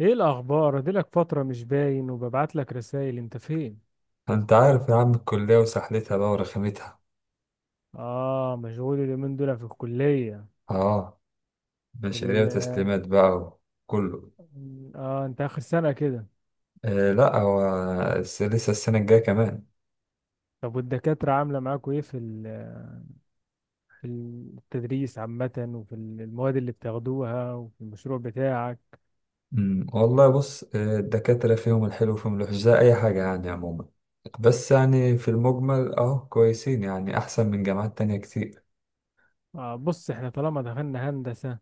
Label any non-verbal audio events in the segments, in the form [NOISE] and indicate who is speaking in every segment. Speaker 1: ايه الاخبار؟ اديلك فتره مش باين وببعت لك رسائل، انت فين؟
Speaker 2: انت عارف يا عم، الكلية وسحلتها بقى ورخامتها.
Speaker 1: اه، مشغول اليومين دول في الكليه.
Speaker 2: اه. مشاريع
Speaker 1: ال...
Speaker 2: وتسليمات بقى، وكله.
Speaker 1: اه انت اخر سنه كده؟
Speaker 2: آه، لا هو لسه السنة الجاية كمان.
Speaker 1: طب والدكاتره عامله معاكوا ايه في في التدريس عامه، وفي المواد اللي بتاخدوها، وفي المشروع بتاعك؟
Speaker 2: مم. والله بص، الدكاترة فيهم الحلو وفيهم الوحش زي أي حاجة يعني عموما. بس يعني في المجمل، كويسين، يعني أحسن من جامعات تانية كتير.
Speaker 1: آه بص، احنا طالما دخلنا هندسه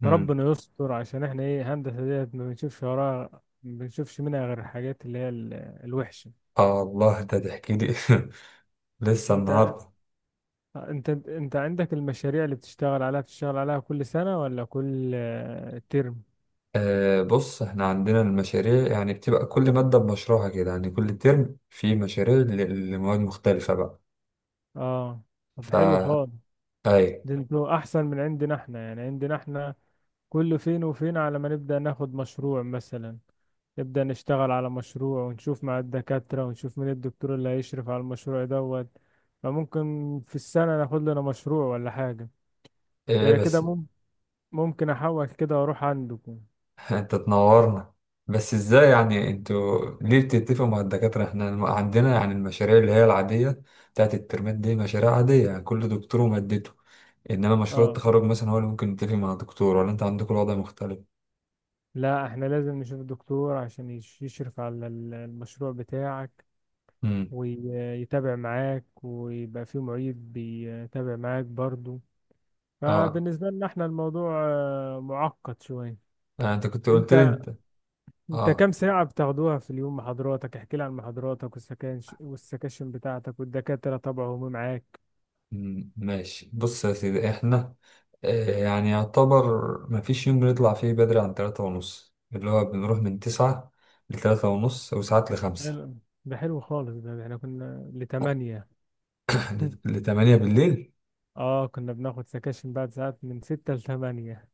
Speaker 2: مم.
Speaker 1: فربنا يستر، عشان احنا ايه، هندسه ديت ما بنشوفش وراها، ما بنشوفش منها غير الحاجات اللي هي الوحشه.
Speaker 2: آه الله، ده تحكي لي [LAUGHS] لسه
Speaker 1: انت
Speaker 2: النهاردة.
Speaker 1: انت عندك المشاريع اللي بتشتغل عليها، بتشتغل عليها كل سنة ولا كل ترم؟
Speaker 2: آه بص، احنا عندنا المشاريع، يعني بتبقى كل مادة بمشروعها كده، يعني كل ترم في مشاريع لمواد مختلفة بقى.
Speaker 1: اه. طب
Speaker 2: فا،
Speaker 1: حلو خالص،
Speaker 2: ايه؟
Speaker 1: ده انتوا احسن من عندنا، احنا يعني عندنا احنا كل فين وفين على ما نبدأ ناخد مشروع مثلا، نبدأ نشتغل على مشروع ونشوف مع الدكاترة ونشوف مين الدكتور اللي هيشرف على المشروع دوت. فممكن في السنة ناخد لنا مشروع ولا حاجة، ده
Speaker 2: إيه،
Speaker 1: أنا كده
Speaker 2: بس.
Speaker 1: ممكن أحول كده وأروح عندكم.
Speaker 2: [LAUGHS] انت تنورنا. بس ازاي يعني، انتوا ليه بتتفقوا مع الدكاترة؟ احنا عندنا يعني المشاريع اللي هي العادية بتاعت الترمات دي، مشاريع عادية، يعني كل دكتور ومادته. انما مشروع
Speaker 1: اه
Speaker 2: التخرج مثلا هو اللي ممكن يتفق مع دكتور، ولا انت عندكم الوضع مختلف؟
Speaker 1: لا، احنا لازم نشوف الدكتور عشان يشرف على المشروع بتاعك،
Speaker 2: امم.
Speaker 1: ويتابع معاك، ويبقى فيه معيد بيتابع معاك برضو.
Speaker 2: اه.
Speaker 1: فبالنسبة لنا احنا الموضوع معقد شوية.
Speaker 2: آه، انت كنت قلت لي
Speaker 1: انت
Speaker 2: انت. اه.
Speaker 1: كام ساعة بتاخدوها في اليوم محاضراتك؟ احكي لي عن محاضراتك والسكاش والسكاشن بتاعتك، والدكاترة طبعا هم معاك.
Speaker 2: ماشي بص يا سيدي، احنا. يعني يعتبر مفيش يوم بنطلع فيه بدري عن تلاتة ونص، اللي هو بنروح من تسعة لتلاتة ونص، وساعات لخمسة.
Speaker 1: حلو، ده حلو خالص، ده احنا كنا
Speaker 2: [COUGHS]
Speaker 1: لتمانية.
Speaker 2: [LAUGHS]
Speaker 1: [LAUGHS]
Speaker 2: لتمانية بالليل.
Speaker 1: اه كنا بناخد سكاشن بعد ساعات من ستة لتمانية.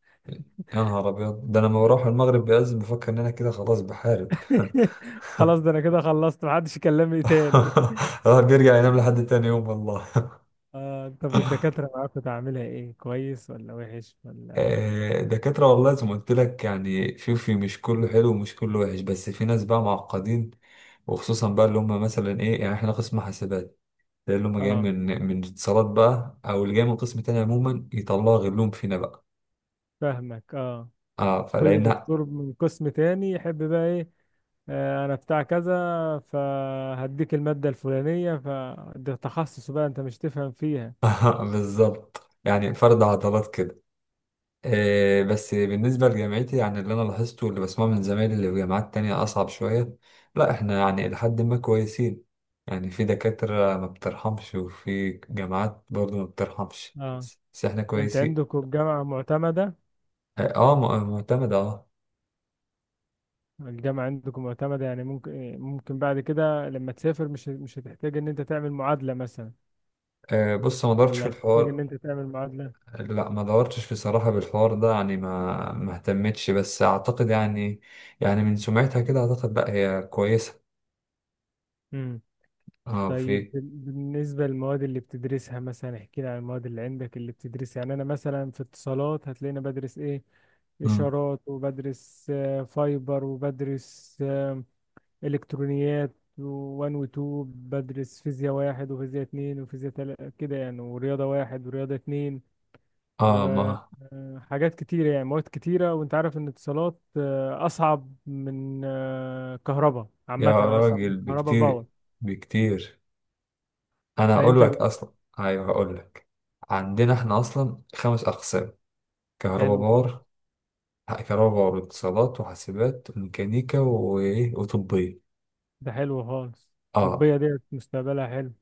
Speaker 2: يا نهار أبيض، ده أنا لما بروح المغرب بيأذن بفكر إن أنا كده خلاص بحارب. [LAUGHS] [LAUGHS]
Speaker 1: [LAUGHS] خلاص، ده انا كده خلصت، محدش يكلمني تاني. [LAUGHS]
Speaker 2: الواحد بيرجع ينام لحد تاني يوم والله.
Speaker 1: آه طب والدكاترة معاك كنت عاملها ايه، كويس ولا وحش ولا؟
Speaker 2: دكاترة والله زي ما قلت لك، يعني شوفي، مش كله حلو ومش كله وحش، بس في ناس بقى معقدين. وخصوصا بقى اللي هم مثلا، يعني احنا قسم حاسبات. ده اللي هم جايين
Speaker 1: اه،
Speaker 2: من اتصالات بقى، او اللي جاي من قسم تاني عموما، يطلعوا غلهم فينا بقى.
Speaker 1: فاهمك. اه،
Speaker 2: اه،
Speaker 1: كل
Speaker 2: فلقينا.
Speaker 1: دكتور من قسم تاني يحب بقى ايه، آه انا بتاع كذا، فهديك المادة الفلانية، فده تخصص بقى انت مش تفهم فيها.
Speaker 2: [LAUGHS] بالظبط، يعني فرد عضلات كده. بس بالنسبة لجامعتي، يعني اللي أنا لاحظته واللي بسمعه من زمايلي اللي في جامعات تانية، أصعب شوية. لا، إحنا يعني إلى حد ما كويسين. يعني في دكاترة ما بترحمش، وفي جامعات برضو ما بترحمش.
Speaker 1: اه
Speaker 2: بس إحنا
Speaker 1: انت
Speaker 2: كويسين.
Speaker 1: عندكم الجامعة معتمدة؟
Speaker 2: آه آه، معتمدة.
Speaker 1: الجامعة عندكم معتمدة يعني ممكن، ممكن بعد كده لما تسافر مش، مش هتحتاج ان انت تعمل معادلة مثلا،
Speaker 2: آه، بص، ما دورتش في
Speaker 1: ولا هتحتاج ان
Speaker 2: الحوار.
Speaker 1: انت تعمل معادلة؟
Speaker 2: لا، ما دورتش في صراحة بالحوار ده، يعني ما اهتمتش، بس أعتقد يعني. يعني من سمعتها كده أعتقد، لا هي كويسة. آه،
Speaker 1: طيب
Speaker 2: في.
Speaker 1: بالنسبة للمواد اللي بتدرسها، مثلا احكي لي عن المواد اللي عندك اللي بتدرسها. يعني أنا مثلا في اتصالات هتلاقيني بدرس إيه؟
Speaker 2: مم.
Speaker 1: إشارات، وبدرس فايبر، وبدرس إلكترونيات وان وتو، بدرس فيزياء واحد وفيزياء اتنين وفيزياء تلاتة كده يعني، ورياضة واحد ورياضة اتنين،
Speaker 2: اه، ما.
Speaker 1: وحاجات كتيرة يعني مواد كتيرة. وانت عارف ان اتصالات أصعب من كهرباء عامة،
Speaker 2: يا
Speaker 1: أصعب من
Speaker 2: راجل،
Speaker 1: كهرباء
Speaker 2: بكتير.
Speaker 1: باور.
Speaker 2: بكتير. انا هقول
Speaker 1: فانت
Speaker 2: لك اصلا. ايوه، هقول لك. عندنا احنا اصلا خمس اقسام. كهرباء
Speaker 1: حلو خالص،
Speaker 2: باور. كهرباء باور، اتصالات، وحاسبات، وميكانيكا، وطبية.
Speaker 1: ده حلو خالص.
Speaker 2: اه.
Speaker 1: الطبية ديت مستقبلها حلو.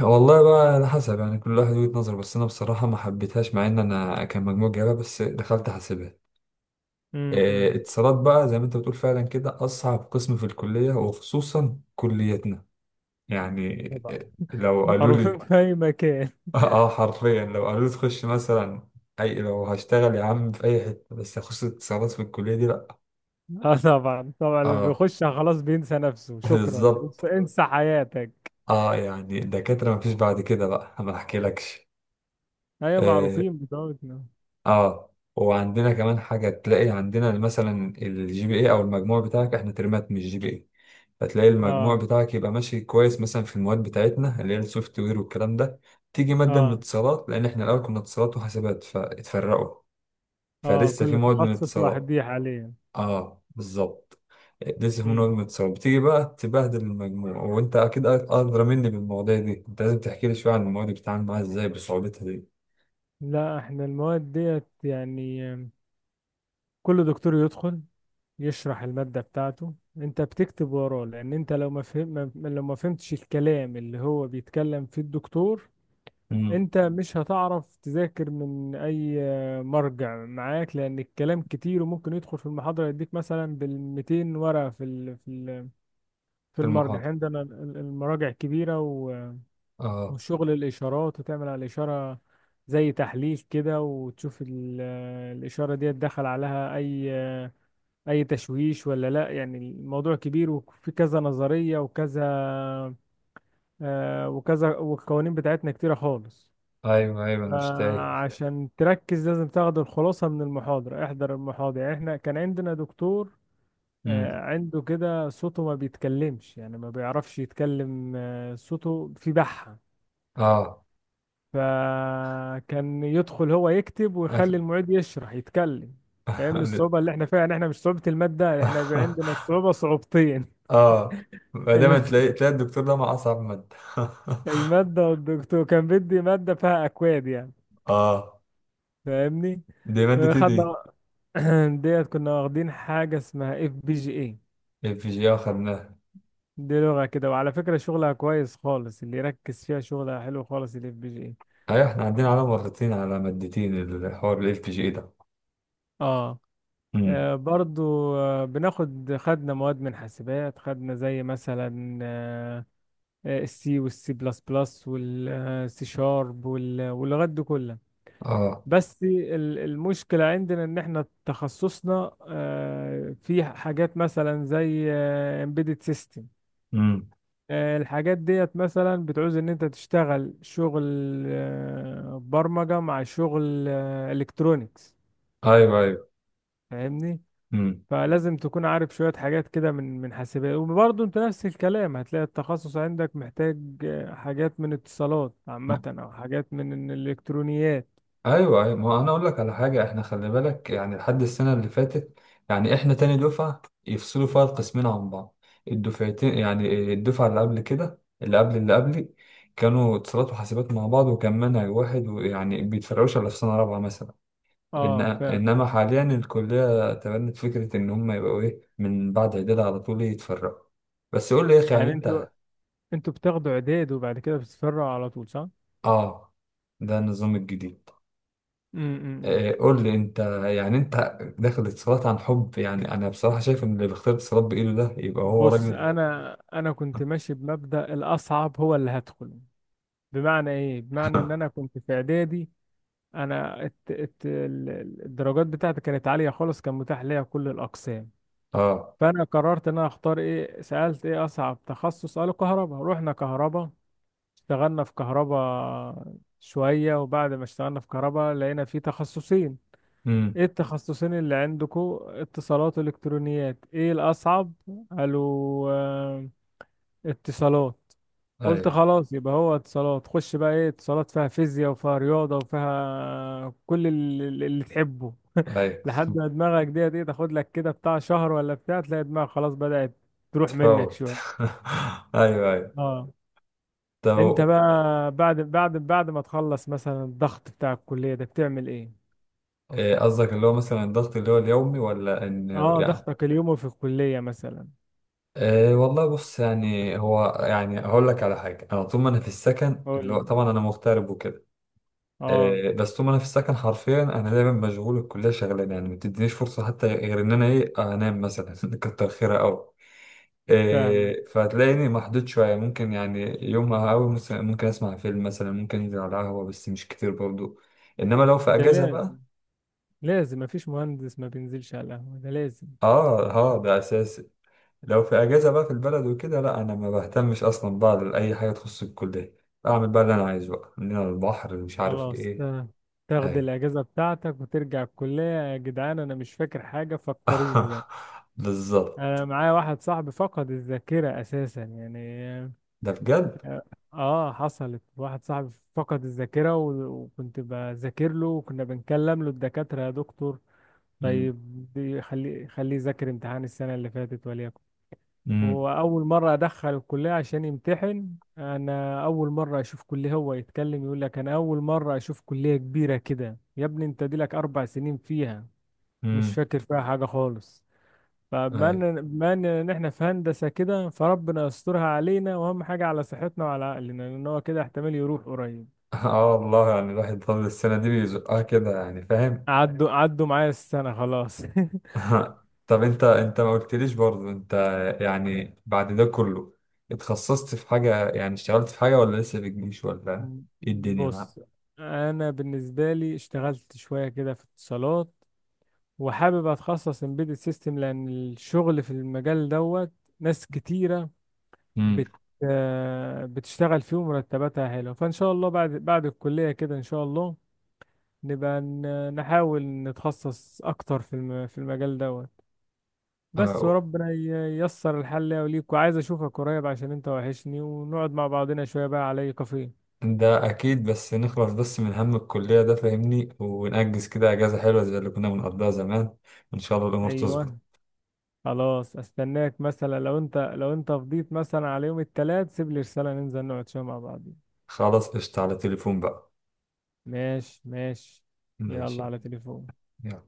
Speaker 2: والله بقى على حسب، يعني كل واحد وجهة نظر، بس انا بصراحة ما حبيتهاش، مع ان انا كان مجموع جايبها، بس دخلت حاسبات.
Speaker 1: امم.
Speaker 2: اتصالات بقى زي ما انت بتقول، فعلا كده اصعب قسم في الكلية، وخصوصا كليتنا. يعني،
Speaker 1: طبعا
Speaker 2: لو قالوا
Speaker 1: معروفين
Speaker 2: لي.
Speaker 1: [LAUGHS] في أي مكان.
Speaker 2: اه. حرفيا لو قالوا لي تخش مثلا، لو هشتغل يا عم في اي حته، بس اخش اتصالات في الكليه دي، لا.
Speaker 1: [LAUGHS] اه طبعا طبعا، اللي
Speaker 2: اه،
Speaker 1: بيخشها خلاص بينسى نفسه، شكرا انسى,
Speaker 2: بالظبط.
Speaker 1: انسى حياتك.
Speaker 2: اه، يعني الدكاتره مفيش بعد كده بقى ما احكيلكش.
Speaker 1: أيوة
Speaker 2: اه،
Speaker 1: معروفين بتوعنا.
Speaker 2: آه. وعندنا كمان حاجه، تلاقي عندنا مثلا الجي بي اي او المجموع بتاعك، احنا ترمات مش جي بي اي. فتلاقي المجموع
Speaker 1: اه.
Speaker 2: بتاعك يبقى ماشي كويس، مثلا في المواد بتاعتنا اللي هي السوفت وير والكلام ده. تيجي ماده من
Speaker 1: اه.
Speaker 2: اتصالات، لان احنا الاول كنا اتصالات وحاسبات فاتفرقوا.
Speaker 1: اه
Speaker 2: فلسه في
Speaker 1: كل
Speaker 2: مواد من
Speaker 1: تخصص واحد
Speaker 2: اتصالات.
Speaker 1: دي حاليا.
Speaker 2: اه، بالظبط. لسه من
Speaker 1: امم.
Speaker 2: وجهة نظر، بتيجي بقى تبهدل المجموع، وانت اكيد ادرى مني بالمواضيع دي، انت لازم تحكي لي شويه عن المواد اللي بتتعامل معاها ازاي بصعوبتها دي.
Speaker 1: لا احنا المواد ديت يعني كل دكتور يدخل يشرح المادة بتاعته، انت بتكتب وراه، لان انت لو ما فهم، لو ما فهمتش الكلام اللي هو بيتكلم فيه الدكتور،
Speaker 2: امم.
Speaker 1: انت مش هتعرف تذاكر من اي مرجع معاك، لان الكلام كتير. وممكن يدخل في المحاضرة يديك مثلا بالميتين ورقة في في في
Speaker 2: في
Speaker 1: المرجع. يعني
Speaker 2: المحاضره.
Speaker 1: عندنا المراجع كبيرة
Speaker 2: اه.
Speaker 1: وشغل الاشارات، وتعمل على الاشارة زي تحليل كده، وتشوف الاشارة دي دخل عليها اي، اي تشويش ولا لا. يعني الموضوع كبير، وفي كذا نظرية وكذا، وكذا، والقوانين بتاعتنا كتيرة خالص.
Speaker 2: ايوه، ايوه، انا مش تايه.
Speaker 1: عشان تركز لازم تاخد الخلاصة من المحاضرة، احضر المحاضرة. يعني احنا كان عندنا دكتور
Speaker 2: امم.
Speaker 1: عنده كده صوته ما بيتكلمش، يعني ما بيعرفش يتكلم، صوته في بحة،
Speaker 2: اه.
Speaker 1: فكان يدخل هو يكتب
Speaker 2: أكل.
Speaker 1: ويخلي المعيد يشرح يتكلم. فاهمني الصعوبة
Speaker 2: [LAUGHS]
Speaker 1: اللي احنا فيها؟ يعني احنا مش صعوبة المادة، احنا عندنا الصعوبة صعوبتين.
Speaker 2: اه،
Speaker 1: [LAUGHS]
Speaker 2: ما دايما
Speaker 1: الم-
Speaker 2: تلاقي الدكتور ده مع اصعب ماده.
Speaker 1: المادة، والدكتور كان بدي مادة فيها أكواد يعني،
Speaker 2: [LAUGHS] اه،
Speaker 1: فاهمني؟
Speaker 2: دي ماده ايه دي؟
Speaker 1: خدنا [CLEARS THROAT] ديت كنا واخدين حاجة اسمها FPGA.
Speaker 2: اف جي، اه، خدناها.
Speaker 1: دي لغة كده، وعلى فكرة شغلها كويس خالص، اللي يركز فيها شغلها حلو خالص، الFPGA.
Speaker 2: ايوه، احنا عندنا على مرتين، على مادتين. الحوار الاف جي ده.
Speaker 1: اه.
Speaker 2: امم.
Speaker 1: برضو، بناخد خدنا مواد من حاسبات، خدنا زي مثلا الC والسي بلس بلس والسي شارب واللغات دي كلها.
Speaker 2: اه.
Speaker 1: بس المشكلة عندنا ان احنا تخصصنا في حاجات مثلا زي امبيدد سيستم.
Speaker 2: امم.
Speaker 1: الحاجات ديت مثلا بتعوز ان انت تشتغل شغل برمجة مع شغل الكترونيكس،
Speaker 2: ايوه، ايوه.
Speaker 1: فاهمني؟
Speaker 2: امم.
Speaker 1: فلازم تكون عارف شوية حاجات كده من حاسبات، وبرضه انت نفس الكلام هتلاقي التخصص عندك محتاج حاجات من اتصالات عامة او حاجات من الالكترونيات.
Speaker 2: ايوه، ايوه، ما هو انا اقول لك على حاجه، احنا خلي بالك يعني لحد السنه اللي فاتت. يعني احنا تاني دفعه يفصلوا فيها القسمين عن بعض. الدفعتين، يعني الدفعه اللي قبل كده، اللي قبل اللي قبلي، كانوا اتصالات وحاسبات مع بعض، وكان منهج واحد، ويعني بيتفرعوش الا في سنه رابعه مثلا.
Speaker 1: اه فاهم.
Speaker 2: انما حاليا الكليه تبنت فكره ان هم يبقوا، من بعد اعداد على طول يتفرعوا. بس قول لي يا اخي، يعني
Speaker 1: يعني انتوا
Speaker 2: انت.
Speaker 1: بتاخدوا اعداد وبعد كده بتتفرعوا على طول صح؟
Speaker 2: اه. ده النظام الجديد.
Speaker 1: امم.
Speaker 2: آه، قول لي انت. يعني انت داخل اتصالات عن حب؟ يعني انا بصراحة شايف ان اللي بيختار اتصالات بايده ده يبقى هو
Speaker 1: بص،
Speaker 2: راجل.
Speaker 1: انا كنت ماشي بمبدأ الاصعب هو اللي هدخل. بمعنى ايه؟ بمعنى ان انا كنت في اعدادي، انا الدرجات بتاعتي كانت عاليه خالص، كان متاح ليا كل الاقسام.
Speaker 2: اه.
Speaker 1: فانا قررت ان انا اختار ايه، سالت ايه اصعب تخصص، قالوا كهرباء، رحنا كهرباء. اشتغلنا في كهرباء شويه، وبعد ما اشتغلنا في كهرباء لقينا في تخصصين.
Speaker 2: امم.
Speaker 1: ايه التخصصين اللي عندكم؟ اتصالات والكترونيات. ايه الاصعب؟ قالوا اتصالات. قلت
Speaker 2: ايوه،
Speaker 1: خلاص يبقى هو اتصالات. خش بقى، ايه اتصالات؟ فيها فيزياء وفيها رياضة وفيها كل اللي, اللي تحبه،
Speaker 2: ايوه.
Speaker 1: لحد ما دماغك ديت ايه، تاخد لك كده بتاع شهر ولا بتاع، تلاقي دماغك خلاص بدأت تروح منك
Speaker 2: تفوت.
Speaker 1: شوية.
Speaker 2: [LAUGHS] ايوه، ايوه.
Speaker 1: اه انت
Speaker 2: طب.
Speaker 1: بقى بعد ما تخلص مثلا الضغط بتاع الكلية ده بتعمل ايه؟
Speaker 2: آه، قصدك اللي هو مثلا الضغط اللي هو اليومي، ولا ان.
Speaker 1: اه
Speaker 2: يعني.
Speaker 1: ضغطك اليومي في الكلية مثلا.
Speaker 2: والله بص، يعني هو، يعني هقول لك على حاجة، أنا طول ما أنا في السكن،
Speaker 1: قول
Speaker 2: اللي هو
Speaker 1: لي.
Speaker 2: طبعا أنا مغترب وكده.
Speaker 1: اه.
Speaker 2: بس طول ما انا في السكن حرفيا، انا دايما مشغول، الكليه شغلانه، يعني ما بتدينيش فرصه حتى غير ان انا انام مثلا [LAUGHS] كتر خيرها قوي.
Speaker 1: فاهمة.
Speaker 2: فهتلاقيني محدود شويه، ممكن يعني يوم قوي ممكن اسمع فيلم مثلا، ممكن انزل على قهوه، بس مش كتير برضو. انما لو في
Speaker 1: ده
Speaker 2: اجازه بقى.
Speaker 1: لازم، لازم، مفيش مهندس ما بينزلش على القهوة، ده لازم.
Speaker 2: اه، اه، ده اساسي. لو في اجازه بقى في البلد وكده، لا انا ما بهتمش اصلا بقى لاي حاجه تخص الكليه. اعمل بقى اللي انا عايزه، بقى من هنا للبحر، مش عارف
Speaker 1: خلاص
Speaker 2: ايه.
Speaker 1: تمام. تاخد
Speaker 2: اي.
Speaker 1: الاجازه بتاعتك وترجع الكليه. يا جدعان انا مش فاكر حاجه، فكروني بقى.
Speaker 2: [LAUGHS]
Speaker 1: انا
Speaker 2: بالظبط.
Speaker 1: معايا واحد صاحبي فقد الذاكره اساسا، يعني
Speaker 2: ده بجد؟
Speaker 1: اه. حصلت، واحد صاحبي فقد الذاكره وكنت بذاكر له، وكنا بنكلم له الدكاتره، يا دكتور
Speaker 2: امم.
Speaker 1: طيب خليه يذاكر امتحان السنه اللي فاتت وليكن.
Speaker 2: امم.
Speaker 1: وأول مرة أدخل الكلية عشان يمتحن، أنا أول مرة أشوف كلية، هو يتكلم يقول لك أنا أول مرة أشوف كلية كبيرة كده، يا ابني أنت دي لك 4 سنين فيها، مش
Speaker 2: امم.
Speaker 1: فاكر فيها حاجة خالص. فبما
Speaker 2: اي.
Speaker 1: إن- بما إن إن إحنا في هندسة كده، فربنا يسترها علينا، وأهم حاجة على صحتنا وعلى عقلنا، لأن هو كده احتمال يروح قريب.
Speaker 2: [LAUGHS] اه، والله يعني الواحد طول السنة دي بيزقها كده، يعني فاهم؟
Speaker 1: عدوا معايا السنة خلاص. [LAUGHS]
Speaker 2: [LAUGHS] طب، انت ما قلتليش برضه انت. يعني بعد ده كله، اتخصصت في حاجة، يعني اشتغلت في حاجة؟ ولا لسه في الجيش؟ ولا ايه الدنيا
Speaker 1: بص
Speaker 2: معاك؟
Speaker 1: أنا بالنسبة لي اشتغلت شوية كده في اتصالات، وحابب اتخصص امبيدد سيستم، لان الشغل في المجال دوت ناس كتيره
Speaker 2: امم.
Speaker 1: بت بتشتغل فيه ومرتباتها حلوه. فان شاء الله بعد الكليه كده ان شاء الله نبقى نحاول نتخصص اكتر في في المجال دوت بس،
Speaker 2: اه.
Speaker 1: وربنا ييسر الحل ليا وليك. وعايز اشوفك قريب عشان انت وحشني، ونقعد مع بعضنا شويه بقى على اي كافيه.
Speaker 2: ده اكيد، بس نخلص بس من هم الكلية ده فاهمني، ونأجز كده اجازة حلوة زي اللي كنا بنقضيها زمان. وان شاء الله الامور تظبط.
Speaker 1: ايوه، خلاص استناك مثلا، لو انت، لو انت فضيت مثلا على يوم التلات سيب لي رساله، ننزل نقعد شويه مع بعض.
Speaker 2: خلاص، قشطة، على تليفون بقى.
Speaker 1: ماشي. يلا
Speaker 2: ماشي.
Speaker 1: على تليفون.
Speaker 2: يلا.